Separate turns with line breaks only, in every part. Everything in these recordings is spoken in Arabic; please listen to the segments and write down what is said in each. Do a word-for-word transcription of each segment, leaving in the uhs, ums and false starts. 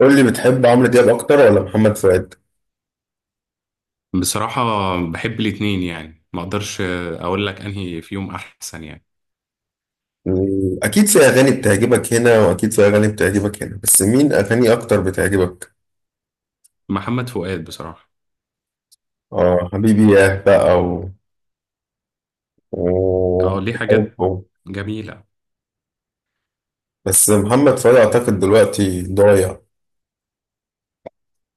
قول لي بتحب عمرو دياب اكتر ولا محمد فؤاد؟
بصراحة، بحب الاتنين، يعني ما اقدرش اقول لك انهي فيهم احسن يعني.
مم، اكيد في اغاني بتعجبك هنا واكيد في اغاني بتعجبك هنا، بس مين اغاني اكتر بتعجبك؟
محمد فؤاد بصراحة.
اه حبيبي ياه بقى و... و...
اه، ليه حاجات
و-
جميلة.
بس محمد فؤاد اعتقد دلوقتي ضايع.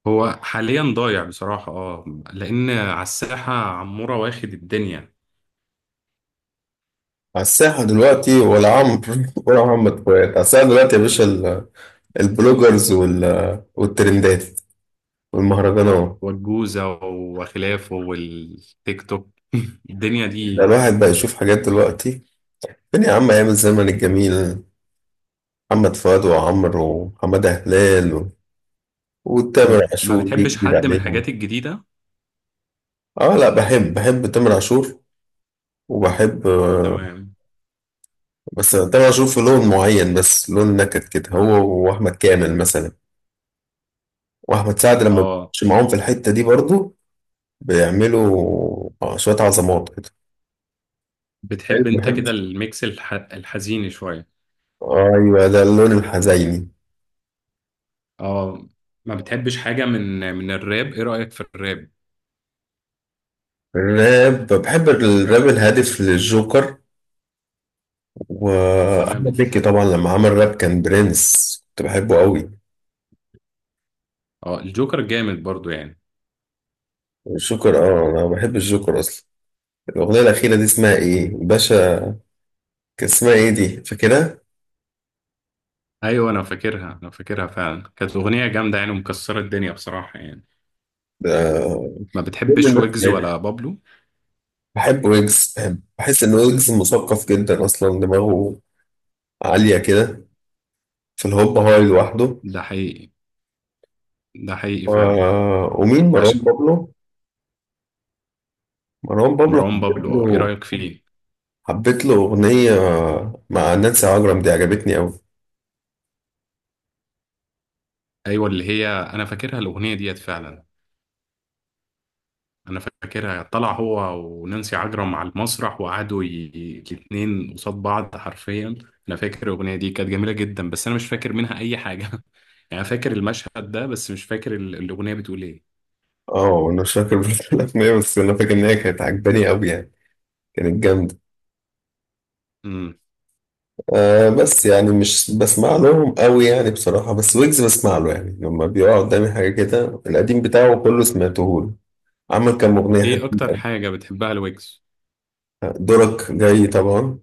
هو حاليا ضايع بصراحة، اه، لان على الساحة عمورة واخد الدنيا
على الساحة دلوقتي ولا عمرو ولا محمد فؤاد على الساحة دلوقتي يا باشا ال- البلوجرز وال... والترندات والمهرجانات.
والجوزة وخلافه والتيك توك. الدنيا
ده
دي.
الواحد بقى يشوف حاجات دلوقتي. فين يا عم ايام الزمن الجميل، محمد فؤاد وعمرو وحمادة هلال و- وتامر
م- ما
عاشور جه
بتحبش
جديد
حد من
عليهم.
الحاجات الجديدة.
اه لا، بحب، بحب تامر عاشور وبحب. آه،
تمام.
بس تامر عاشور في لون معين، بس لون نكد كده، هو واحمد كامل مثلا، واحمد سعد لما
اه،
بيخش معاهم في الحتة دي برضو بيعملوا آه، شوية عظمات كده. أيوة،
بتحب انت
بحب.
كده الميكس الح... الحزين شوية.
ايوه ده اللون الحزيني.
اه، ما بتحبش حاجة من من الراب؟ ايه رأيك في الراب؟
الراب بحب الراب الهادف للجوكر،
تمام.
واحمد
ال-
مكي طبعا لما عمل راب كان برنس كنت بحبه قوي.
اه، الجوكر جامد برضو يعني.
الجوكر اه، انا بحب الجوكر اصلا. الاغنيه الاخيره دي اسمها ايه باشا؟ كان اسمها ايه دي، فاكرها؟
ايوه، انا فاكرها انا فاكرها فعلا، كانت اغنيه جامده يعني ومكسره الدنيا بصراحه يعني.
ده
ما
كل
بتحبش
اللي
ويجز
سمعتها.
ولا بابلو؟
بحب ويجز، بحب بحس ان ويجز مثقف جدا، اصلا دماغه عاليه كده في الهوب هاي لوحده.
ده حقيقي ده حقيقي
و...
فعلا.
ومين مروان
عشان
بابلو؟ مروان بابلو
مروان
حبيت
بابلو، اه، ايه
له
رايك فيه؟
حبيت له اغنيه مع نانسي عجرم دي عجبتني قوي.
ايوه، اللي هي انا فاكرها الاغنيه ديت فعلا، انا فاكرها طلع هو ونانسي عجرم على المسرح وقعدوا ي... ي- الاتنين قصاد بعض حرفيا. انا فاكر الاغنيه دي كانت جميله جدا، بس انا مش فاكر منها اي حاجه. يعني أنا فاكر المشهد ده، بس مش فاكر ال- الاغنيه بتقول ايه.
اه انا مش فاكر برضه الاغنيه، بس انا فاكر ان هي كانت عجباني قوي يعني، كانت جامده. آه بس يعني مش بسمع لهم قوي يعني بصراحة، بس ويجز بسمع له يعني لما بيقع قدامي حاجة كده، القديم بتاعه كله سمعته له. عمل كام أغنية
ايه اكتر
حلوين
حاجة بتحبها الويجز؟
أوي. دورك جاي طبعا،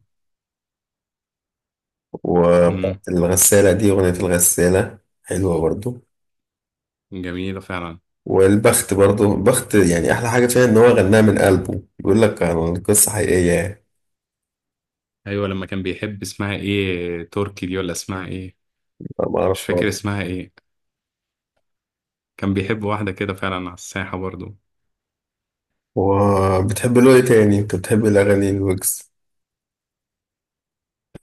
امم،
وبتاعت الغسالة دي، أغنية الغسالة حلوة برضو،
جميلة فعلا.
والبخت برضو، البخت يعني أحلى حاجة فيها إن هو غناها من قلبه، بيقول لك عن قصة حقيقية يعني.
ايوه، لما كان بيحب اسمها ايه تركي دي، ولا اسمها ايه؟
أنا ما
مش
أعرفهاش.
فاكر اسمها ايه. كان بيحب واحدة كده فعلا على الساحة برضو.
وبتحب له إيه تاني؟ أنت بتحب الأغاني الويجز؟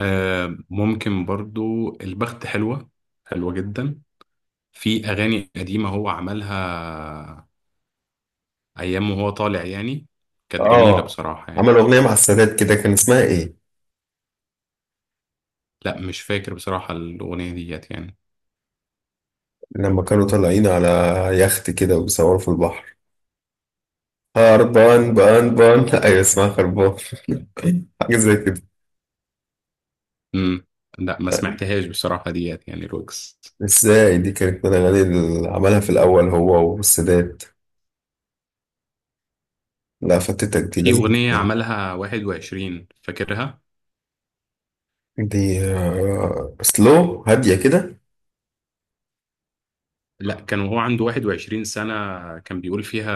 آه، ممكن برضو البخت حلوة، حلوة جدا. في اغاني قديمة هو عملها ايام وهو طالع يعني، كانت جميلة
آه،
بصراحة
عمل
يعني.
أغنية مع السادات كده، كان اسمها إيه؟
لا، مش فاكر بصراحة الاغنية ديت يعني.
لما كانوا طالعين على يخت كده وبيصوروا في البحر، هربان بان بان ايوه اسمها خربان حاجة زي كده.
امم. لا، ما سمعتهاش بصراحة ديت يعني الويجز.
ازاي، دي كانت من الأغاني اللي عملها في الأول هو والسادات. لا فاتتك دي،
في
لازم
أغنية
تسمعها.
عملها واحد وعشرين، فاكرها؟
دي آه، سلو، هادية كده.
لا، كان وهو عنده 21 سنة، كان بيقول فيها،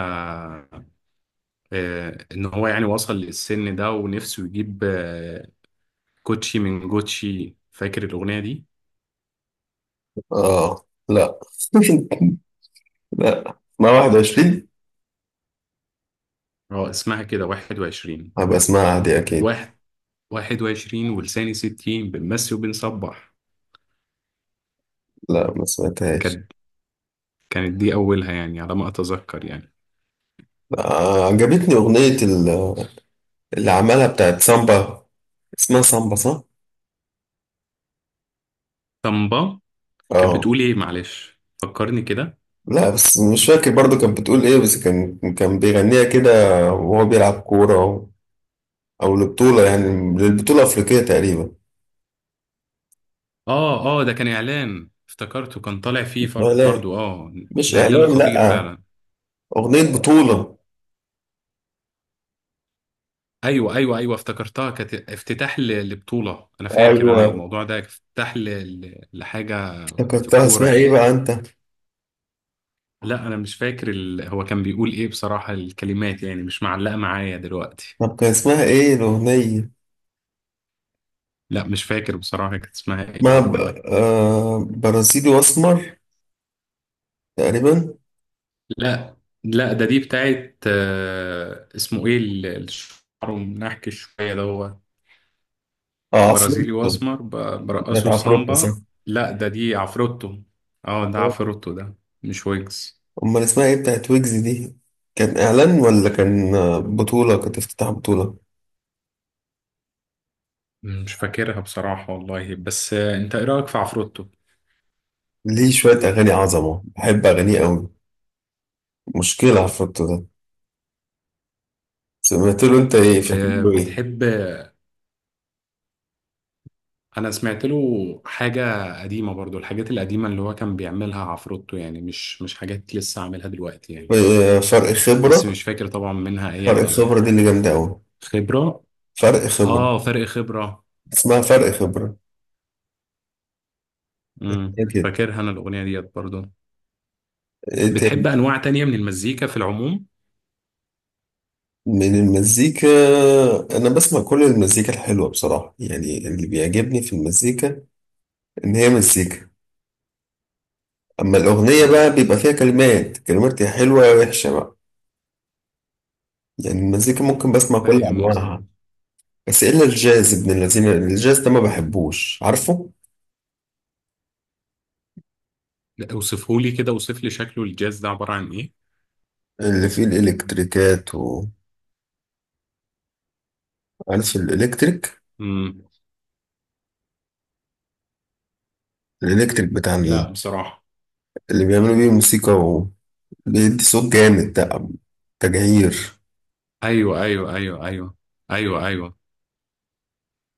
آه، إن هو يعني وصل للسن ده ونفسه يجيب، آه، كوتشي من جوتشي، فاكر الأغنية دي؟
اه لا لا ما واحد وعشرين.
اه، اسمها كده واحد وعشرين،
هبقى اسمعها، هادية أكيد.
واحد 21 ولساني ستين بنمسي وبنصبح.
لا ما سمعتهاش.
كانت كانت دي أولها يعني على ما أتذكر يعني.
آه، عجبتني أغنية ال- اللي عملها بتاعت سامبا، اسمها سامبا صح؟
طنبا. كانت
اه
بتقول إيه؟ معلش فكرني كده.
لا، بس مش فاكر برضو كانت بتقول ايه، بس كان كان بيغنيها كده وهو بيلعب كورة، أو أو لبطولة يعني، للبطولة الأفريقية تقريبا.
اه اه ده كان اعلان افتكرته، كان طالع فيه فر-
إعلان،
برضو، اه،
مش
ده اعلان
إعلان
خطير
لأ،
فعلا.
أغنية بطولة.
ايوه ايوه ايوه، افتكرتها، كانت افتتاح ل- لبطولة. انا فاكر انا
أيوة،
الموضوع ده افتتاح ل- ل- لحاجة في
افتكرتها
الكورة
اسمها ايه
يعني.
بقى أنت؟
لا، انا مش فاكر ال... هو كان بيقول ايه بصراحة. الكلمات يعني مش معلقة معايا دلوقتي.
طب كان اسمها ايه الأغنية؟
لا، مش فاكر بصراحة كانت اسمها ايه
اسمها ب...
والله.
آه... برازيلي وأسمر تقريبا.
لا لا ده دي بتاعت، آه، اسمه ايه ال- الشعر، منحكي شوية ده؟
اه
برازيلي
عفروتو،
واسمر، ب-
كانت
برقصه
عفروتو صح.
سامبا. لا، ده دي عفروتو. اه، ده عفروتو، ده مش ويجز.
أمال اسمها ايه بتاعت ويجز دي؟ كان إعلان ولا كان، آه، بطولة، كانت افتتاح بطولة؟
مش فاكرها بصراحة والله، بس، آه، انت ايه رأيك في عفروتو؟
ليه شوية أغاني عظمة، بحب أغانيه أوي، مشكلة عفروتو ده. سمعت له أنت إيه، فاكر
ب-
له إيه؟
بتحب. انا سمعت له حاجة قديمة، برضو الحاجات القديمة اللي هو كان بيعملها عفروتو يعني، مش مش حاجات لسه عاملها دلوقتي يعني.
آه، فرق
بس
خبرة.
مش فاكر طبعا منها اي
فرق خبرة
حاجة.
دي اللي جامدة أوي.
خبرة.
فرق خبرة،
اه، فرق خبرة.
اسمها فرق خبرة.
امم،
إيه كده،
فاكرها انا الاغنية ديت برضو.
إيه تاني
بتحب انواع تانية من المزيكا في العموم؟
من المزيكا؟ أنا بسمع كل المزيكا الحلوة بصراحة يعني، اللي بيعجبني في المزيكا إن هي مزيكا، أما الأغنية بقى بيبقى فيها كلمات، كلمات يا حلوة يا وحشة بقى. يعني المزيكا ممكن بسمع كل
فاهم قصدك.
أنواعها، بس إلا الجاز ابن الذين، الجاز ده ما بحبوش عارفه.
لا، اوصفهولي كده، اوصف لي شكله، الجاز ده عبارة عن ايه؟
اللي فيه الإلكتريكات وعارف الإلكتريك،
امم.
الإلكتريك بتاع ال-
لا بصراحة.
اللي بيعملوا بيه موسيقى وبيدي صوت جامد ده، تجعير،
ايوه ايوه ايوه ايوه ايوه ايوه،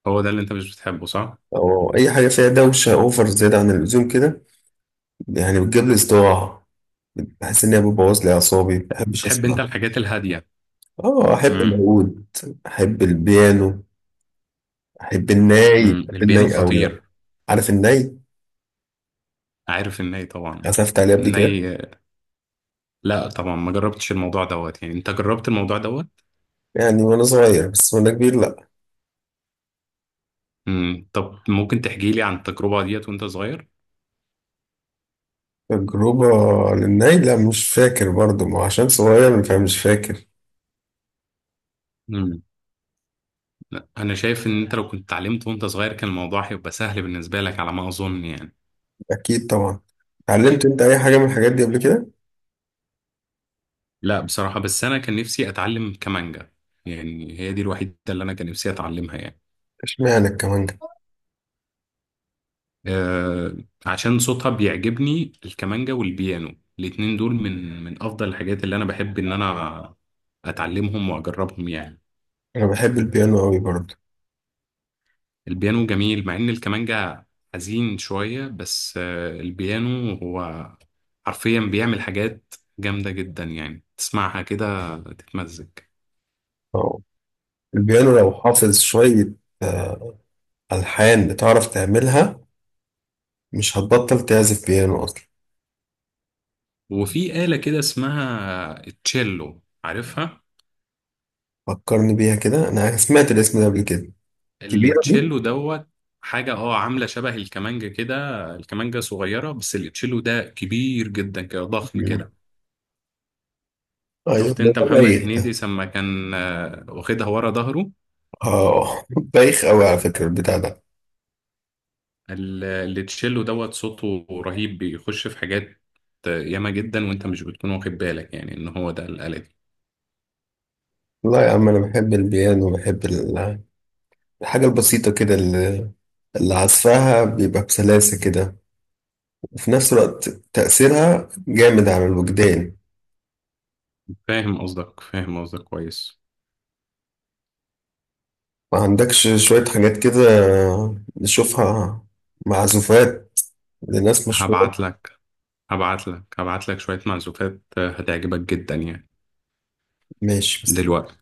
هو ده اللي انت مش بتحبه، صح؟
أو أي حاجة فيها دوشة أوفر زيادة عن اللزوم كده، يعني بتجيب لي صداع، بحس إن هي بتبوظ لي أعصابي، مبحبش
بتحب انت
أسمع.
الحاجات الهادية؟
آه أحب
امم.
العود، أحب البيانو، أحب الناي
امم،
أحب
البيانو
الناي أوي بقى.
خطير.
عارف الناي،
عارف الناي طبعا.
عزفت عليه قبل كده
الناي. لا طبعا، ما جربتش الموضوع دوت يعني. انت جربت الموضوع دوت؟
يعني وأنا صغير، بس وأنا كبير لأ.
امم. طب، ممكن تحكي لي عن التجربة ديت وانت صغير؟
تجربة للناي لا مش فاكر برضو، ما هو عشان صغير فمش فاكر.
امم. انا شايف ان انت لو كنت اتعلمت وانت صغير كان الموضوع هيبقى سهل بالنسبة لك على ما اظن يعني.
أكيد طبعا. اتعلمت أنت أي حاجة من الحاجات دي قبل كده؟
لا بصراحة، بس أنا كان نفسي أتعلم كمانجا، يعني هي دي الوحيدة اللي أنا كان نفسي أتعلمها يعني.
اشمعنى الكمانجة؟
أه، عشان صوتها بيعجبني الكمانجا والبيانو، الاتنين دول من من أفضل الحاجات اللي أنا بحب إن أنا أتعلمهم وأجربهم يعني.
أنا بحب البيانو أوي برضو.
البيانو جميل، مع إن الكمانجا حزين شوية، بس أه البيانو هو حرفيا بيعمل حاجات جامدة جدا يعني، تسمعها كده تتمزج.
أه البيانو لو حافظ شوية آه، ألحان بتعرف تعملها، مش هتبطل تعزف بيانو أصلا.
وفي آلة كده اسمها التشيلو، عارفها؟
فكرني بيها كده، أنا سمعت الاسم ده قبل كده. كبيرة دي؟
التشيلو دوت حاجة، اه، عاملة شبه الكمانجة كده. الكمانجة صغيرة، بس التشيلو ده كبير جدا كده، ضخم
مم.
كده.
أيوة
شفت
ده
انت
ده
محمد
بايخ
هنيدي
ده.
لما كان، آه، واخدها ورا ظهره؟
أه بايخ أوي على فكرة البتاع ده.
ال- التشيلو دوت صوته رهيب، بيخش في حاجات، آه، ياما جدا، وانت مش بتكون واخد بالك يعني ان هو ده الآلة دي.
لا يا عم أنا بحب البيانو، بحب ال- الحاجة البسيطة كده، اللي عزفها بيبقى بسلاسة كده، وفي نفس الوقت تأثيرها جامد على الوجدان.
فاهم قصدك فاهم قصدك كويس.
ما عندكش شوية حاجات كده نشوفها، معزوفات لناس مشهورة؟
هبعت لك هبعت لك هبعت لك شوية معزوفات، آه، هتعجبك جدا يعني.
ماشي بس
دلوقتي.